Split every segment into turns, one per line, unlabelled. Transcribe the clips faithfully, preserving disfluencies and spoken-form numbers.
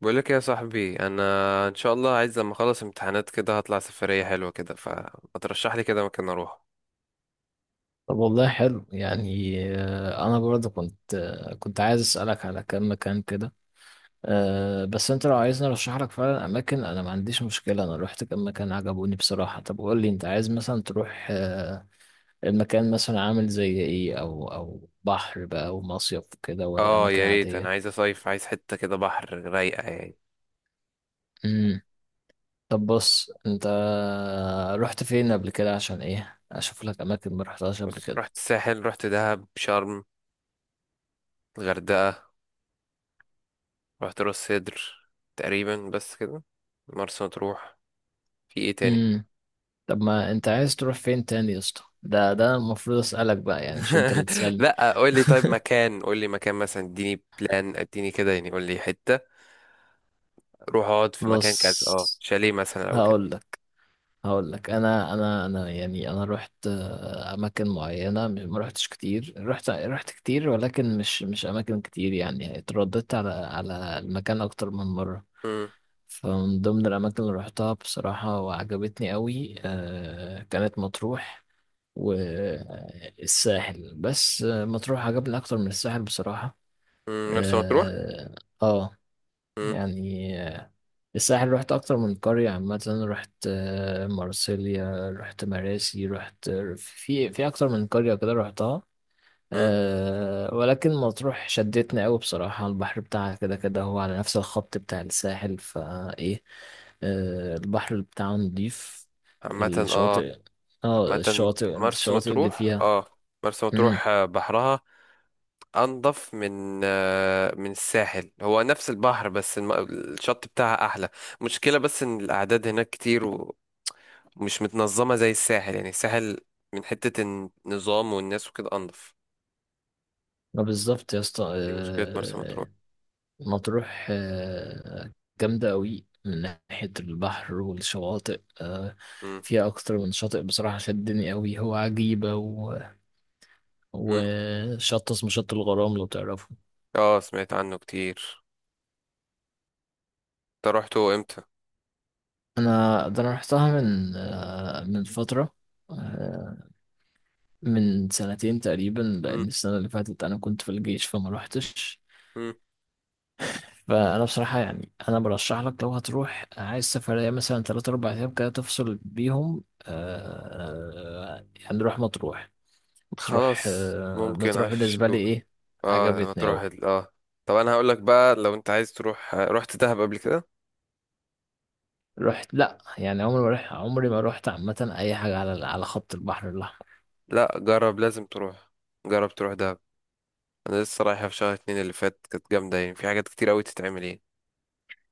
بقول لك يا صاحبي، انا ان شاء الله عايز لما اخلص امتحانات كده هطلع سفريه حلوه كده، فما ترشح لي كده مكان اروح.
طب والله حلو يعني، آه، انا برضه كنت آه، كنت عايز اسالك على كم مكان كده. آه، بس انت لو عايزني ارشح لك فعلا اماكن، انا ما عنديش مشكله. انا روحت كم مكان عجبوني بصراحه. طب قول لي، انت عايز مثلا تروح، آه، المكان مثلا عامل زي ايه؟ او او بحر بقى ومصيف كده ولا
اه،
اماكن
يا ريت. انا
عاديه؟
عايز اصيف، عايز حته كده بحر رايقه يعني.
امم. طب بص، انت رحت فين قبل كده؟ عشان ايه اشوف لك اماكن ما رحتهاش قبل.
بص، رحت الساحل، رحت دهب، شرم، الغردقه، رحت راس سدر، تقريبا بس كده، مرسى مطروح، في ايه تاني؟
كده. طب ما انت عايز تروح فين تاني يا اسطى؟ ده ده المفروض اسالك بقى يعني، مش انت اللي تسالني.
لا، قول لي طيب مكان، قول لي مكان مثلا، اديني بلان، اديني كده يعني، قول لي حته روح اقعد في مكان كذا، اه
بص،
شاليه مثلا او كده.
هقول لك هقول لك. انا انا انا يعني انا رحت آه، اماكن معينه. م- ما رحتش كتير. رحت رحت كتير ولكن مش مش اماكن كتير. يعني اترددت على على المكان اكتر من مره.
امم
فمن ضمن الاماكن اللي رحتها بصراحه وعجبتني قوي، آه، كانت مطروح والساحل. بس آه، مطروح عجبني اكتر من الساحل بصراحه.
مرسى مطروح.
اه. آه، يعني، آه، الساحل رحت اكتر من قرية عامة. رحت آه، مرسيليا، رحت مراسي، رحت في في اكتر من قرية كده رحتها.
مم.
أه، ولكن مطروح شدتني قوي بصراحة. البحر بتاعها كده كده هو على نفس الخط بتاع الساحل فايه. أه، البحر بتاعه نضيف.
عامة اه،
الشواطئ. اه،
عامة
الشواطئ
مرسى
الشواطئ اللي
مطروح
فيها.
اه، مرسى
امم.
مطروح، آه، بحرها أنظف من آه، من الساحل. هو نفس البحر بس الم- الشط بتاعها أحلى. مشكلة بس إن الأعداد هناك كتير و- ومش متنظمة زي الساحل، يعني الساحل من حتة النظام والناس وكده أنظف.
ما بالظبط يا اسطى.
دي مشكلة مرسى مطروح.
أه. مطروح، آه، جامدة قوي من ناحية البحر والشواطئ. آه،
مم.
فيها أكتر من شاطئ بصراحة. شدني قوي هو عجيبة، و...
مم.
وشط اسمه شط الغرام لو تعرفه.
اه، سمعت عنه كتير. انت روحته امتى؟
أنا ده أنا رحتها من آه، من فترة، آه، من سنتين تقريبا، لأن
مم.
السنة اللي فاتت أنا كنت في الجيش فما روحتش.
مم.
فأنا بصراحة يعني أنا برشح لك، لو هتروح عايز سفرية مثلا تلات أربع أيام كده تفصل بيهم، آه، آه، يعني روح مطروح. مطروح
خلاص،
آه،
ممكن
مطروح بالنسبة لي
هشوف.
ايه،
اه لما
عجبتني
تروح
اوي.
ال... اه. طب انا هقول لك بقى، لو انت عايز تروح، رحت دهب قبل كده؟
رحت لا يعني، عمري ما رحت عمري ما رحت عامة اي حاجة على على خط البحر الاحمر.
لا، جرب، لازم تروح، جرب تروح دهب. انا لسه رايحه في شهر اتنين اللي فات، كانت جامده يعني، في حاجات كتير قوي تتعمل يعني.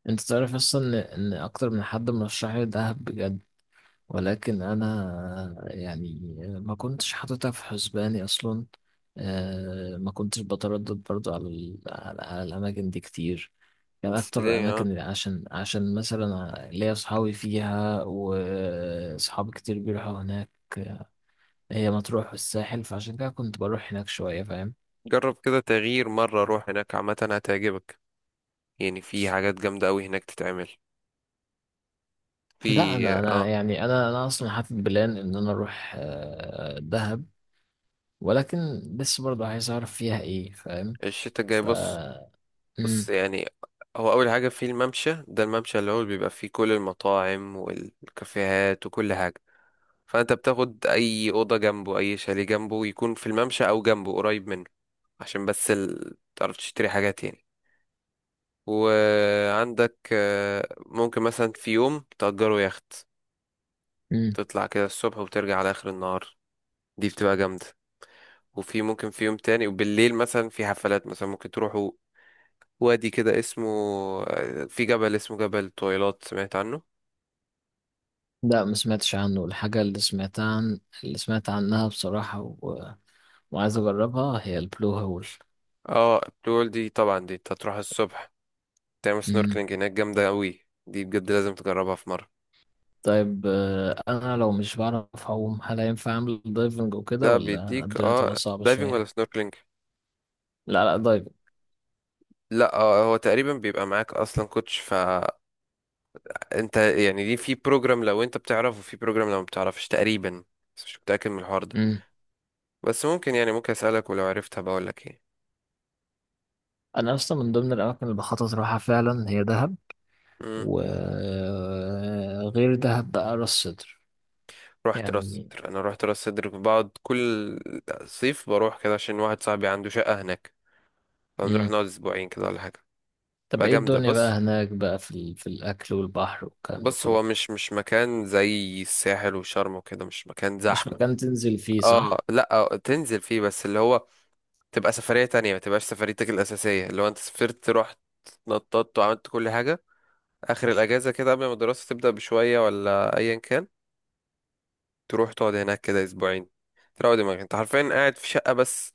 انت تعرف اصلا ان إن اكتر من حد مرشح لي دهب بجد، ولكن انا يعني ما كنتش حاططها في حسباني اصلا. آه، ما كنتش بتردد برضو على ال- على على الاماكن دي كتير. يعني
بس
اكتر
ليه؟
الاماكن
اه
اللي عشان عشان مثلا ليا اصحابي فيها، واصحابي كتير بيروحوا هناك هي مطروح والساحل، فعشان كده كنت بروح هناك شوية، فاهم.
جرب كده تغيير مره، روح هناك عامه هتعجبك. يعني في حاجات جامده قوي هناك تتعمل
لا،
في
أنا أنا
اه
يعني أنا أنا أصلا حاطط بلان إن أنا أروح آه، دهب، ولكن لسه برضه عايز أعرف فيها إيه، فاهم.
الشتاء الجاي.
ف
بص، بص
مم.
يعني. هو اول حاجه في الممشى ده، الممشى اللي هو بيبقى فيه كل المطاعم والكافيهات وكل حاجه. فانت بتاخد اي اوضه جنبه، اي شاليه جنبه، يكون في الممشى او جنبه قريب منه. عشان بس ال... تعرف تشتري حاجات يعني. وعندك آه، ممكن مثلا في يوم تأجره يخت،
مم.
تطلع كده الصبح وترجع على اخر النهار، دي بتبقى جامده. وفي ممكن في يوم تاني وبالليل مثلا في حفلات مثلا ممكن تروحوا. وادي كده اسمه آه، في جبل، اسمه جبل طويلات، سمعت عنه؟
لا، ما سمعتش عنه. الحاجة اللي سمعتها عن اللي سمعت عنها بصراحة، و... وعايز أجربها هي البلو هول.
اه البلو هول دي طبعا، دي انت هتروح الصبح تعمل
مم.
سنوركلينج هناك، جامده قوي دي بجد، لازم تجربها في مره.
طيب، آه، أنا لو مش بعرف أعوم هل هينفع أعمل دايفنج وكده،
لا،
ولا
بيديك
الدنيا تبقى
اه
صعبة
دايفنج ولا
شوية؟
سنوركلينج.
لا، لا، دايفنج.
لا آه هو تقريبا بيبقى معاك اصلا كوتش، فانت يعني دي في بروجرام لو انت بتعرف، وفي بروجرام لو ما بتعرفش تقريبا. بس مش متاكد من الحوار ده. بس ممكن يعني، ممكن اسالك، ولو عرفتها بقول لك ايه.
انا اصلا من ضمن الاماكن اللي بخطط اروحها فعلا هي دهب،
مم.
وغير دهب بقى راس سدر
رحت راس
يعني.
صدر. انا رحت راس صدر بقعد كل صيف، بروح كده عشان واحد صاحبي عنده شقه هناك. فبنروح
مم.
نقعد اسبوعين كده ولا حاجه،
طب
تبقى
ايه
جامده.
الدنيا بقى
بص.
هناك بقى في ال... في الاكل والبحر والكلام ده
بص
كله؟
هو مش مش مكان زي الساحل وشرم وكده، مش مكان
مش
زحمه.
مكان تنزل فيه،
اه
صح؟
لا، آه، تنزل فيه بس اللي هو، تبقى سفرية تانية، ما تبقاش سفريتك الأساسية اللي هو انت سافرت، رحت، نططت وعملت كل حاجة. آخر الأجازة كده، قبل ما الدراسة تبدأ بشوية ولا أيا كان، تروح تقعد هناك كده أسبوعين. تروق دماغك، انت حرفيا قاعد في شقة بس،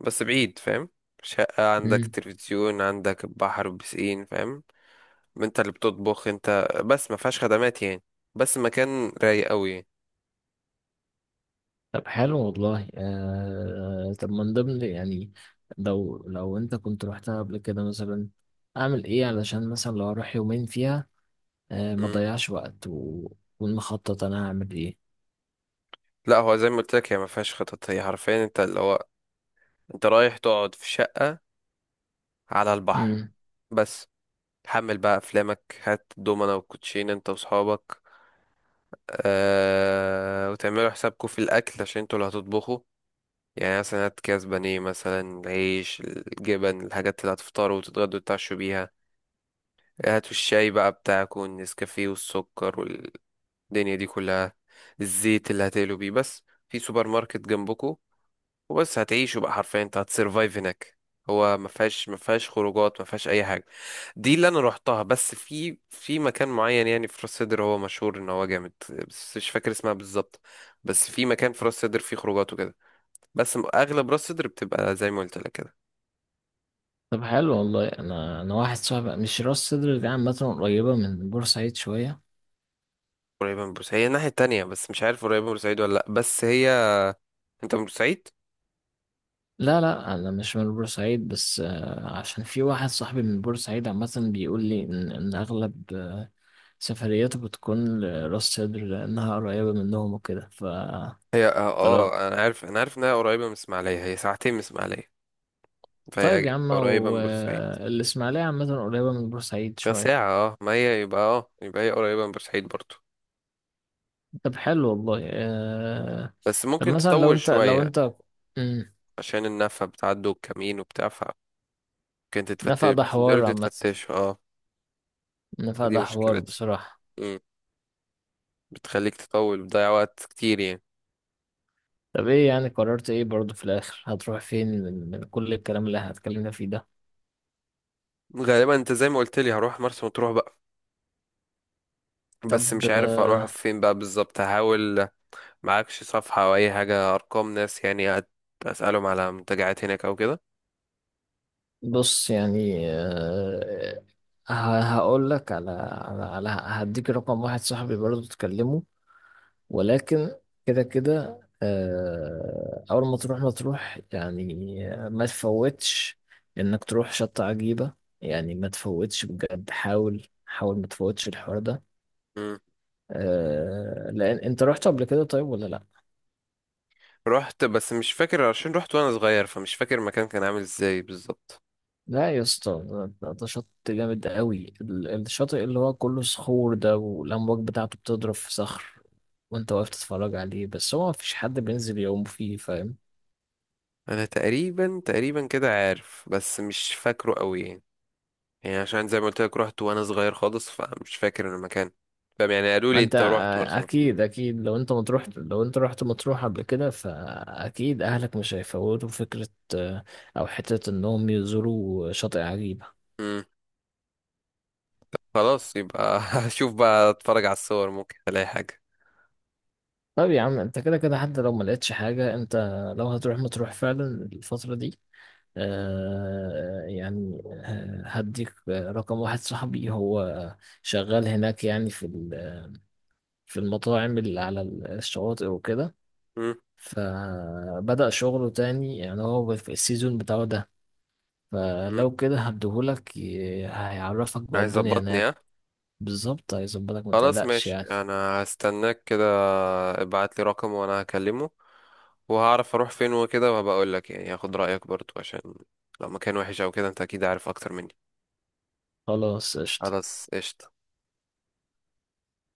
بس بعيد فاهم. شقة، عندك
مم.
تلفزيون، عندك بحر وبسين فاهم. انت اللي بتطبخ انت، بس ما فيهاش خدمات يعني. بس مكان رايق قوي يعني.
طب حلو والله. آه... طب من ضمن، يعني، لو لو انت كنت رحتها قبل كده مثلا، اعمل ايه علشان مثلا لو اروح يومين فيها آه ما
مم.
ضيعش وقت، و... ونخطط. انا هعمل
لا، هو زي ما قلت لك، هي ما فيهاش خطط، هي حرفيا انت اللي هو، انت رايح تقعد في شقة على البحر
ايه.
بس. تحمل بقى افلامك، هات دومنا والكوتشين انت واصحابك، أه، وتعملوا حسابكم في الاكل عشان انتوا اللي هتطبخوا. يعني مثلا هات كاس بانيه مثلا، العيش، الجبن، الحاجات اللي هتفطروا وتتغدوا وتتعشوا بيها. هاتوا الشاي بقى بتاعكم والنسكافيه والسكر والدنيا دي كلها، الزيت اللي هتقلوا بيه، بس في سوبر ماركت جنبكم. وبس، هتعيشه بقى، حرفيا انت هتسرفايف هناك. هو ما فيهاش ما فيهاش خروجات، ما فيهاش اي حاجه. دي اللي انا روحتها. بس في في مكان معين يعني في راس سدر هو مشهور ان هو جامد، بس مش فاكر اسمها بالظبط. بس في مكان في راس سدر فيه خروجات وكده، بس م- اغلب راس سدر بتبقى زي ما قلت لك كده.
طب حلو والله. انا انا واحد صاحبي، مش راس سدر دي عامه قريبه من بورسعيد شويه.
قريبه من بورسعيد هي الناحيه التانية، بس مش عارف قريبه من بورسعيد ولا لا. بس هي، انت من بورسعيد؟
لا، لا، انا مش من بورسعيد، بس آه، عشان في واحد صاحبي من بورسعيد عامه بيقول لي ان إن اغلب آه، سفرياته بتكون لراس سدر لانها قريبه منهم وكده. ف
هي اه،
فلو.
آه، انا عارف انا عارف انها قريبه من اسماعيليه، هي ساعتين من اسماعيليه.
طيب
فهي
يا عم،
قريبه من بورسعيد.
والاسماعيليه عامه قريبه من بورسعيد
ده
شويه.
ساعة اه، ما هي يبقى اه، يبقى هي قريبة من بورسعيد برضو.
طب حلو والله. آه،
بس
طب
ممكن
مثلا لو
تطول
انت لو
شوية،
انت مم.
عشان النفق بتعدوا الكمين وبتاع، فممكن تتفتش،
نفق ده
بتنزلوا
حوار عامه.
تتفتشوا اه.
نفق ده
دي
حوار
مشكلتها.
بصراحه.
مم. بتخليك تطول، بتضيع وقت كتير يعني.
طب ايه يعني، قررت ايه برضو في الاخر؟ هتروح فين من, من كل الكلام اللي هتكلمنا فيه ده.
غالبا انت زي ما قلت لي، هروح مرسى مطروح بقى، بس
طب.
مش عارف
آه،
اروح فين بقى بالظبط، هحاول. معكش صفحة او اي حاجة، ارقام ناس يعني، أت- اسألهم على منتجعات هناك او كده.
بص يعني، آه، ه- هقول لك، على على على هديك رقم واحد صاحبي برضو تكلمه، ولكن كده كده، آه، اول ما تروح ما تروح يعني، آه، ما تفوتش انك تروح شط عجيبة. يعني ما تفوتش بجد، حاول حاول ما تفوتش الحوار ده.
مم.
آه، لان انت رحت قبل كده طيب ولا لا؟
رحت بس مش فاكر، عشان رحت وانا صغير فمش فاكر المكان كان عامل ازاي بالظبط.
لا يا اسطى، ده ده- ده شط جامد قوي. ال- الشاطئ اللي هو كله صخور ده، والأمواج بتاعته بتضرب في صخر، وانت واقف تتفرج عليه. بس هو مفيش حد بينزل يعوم فيه، فاهم.
انا تقريبا تقريبا كده عارف، بس مش فاكره قوي يعني. يعني عشان زي ما قلت لك، رحت وانا صغير خالص فمش فاكر المكان فاهم يعني، قالوا
ما
لي
انت،
انت رحت
آه،
مرسى مطروح.
اكيد اكيد، لو انت مطروح لو انت رحت مطروح قبل كده فاكيد اهلك مش هيفوتوا فكرة، آه، او حتة انهم يزوروا شاطئ عجيبة.
امم خلاص يبقى هشوف بقى، اتفرج على الصور، ممكن الاقي حاجه.
طب يا عم، انت كده كده حتى لو ما لقيتش حاجة، انت لو هتروح مطروح فعلا الفترة دي، آه، يعني، آه، هديك رقم واحد صاحبي، هو شغال هناك يعني في ال- في المطاعم اللي على الشواطئ وكده.
امم
فبدأ شغله تاني، يعني هو في السيزون بتاعه ده،
امم
فلو كده هديهولك، ي- هيعرفك بقى
عايز
الدنيا
ظبطني،
هناك.
ها؟
بالظبط، هيظبطك ما
خلاص
تقلقش
ماشي،
يعني.
انا هستناك كده، ابعت لي رقم وانا هكلمه. وهعرف اروح فين وكده، وهبقى اقول لك يعني، هاخد رايك برضو عشان لو مكان وحش او كده انت اكيد عارف اكتر مني.
خلاص، قشطة.
خلاص قشطة.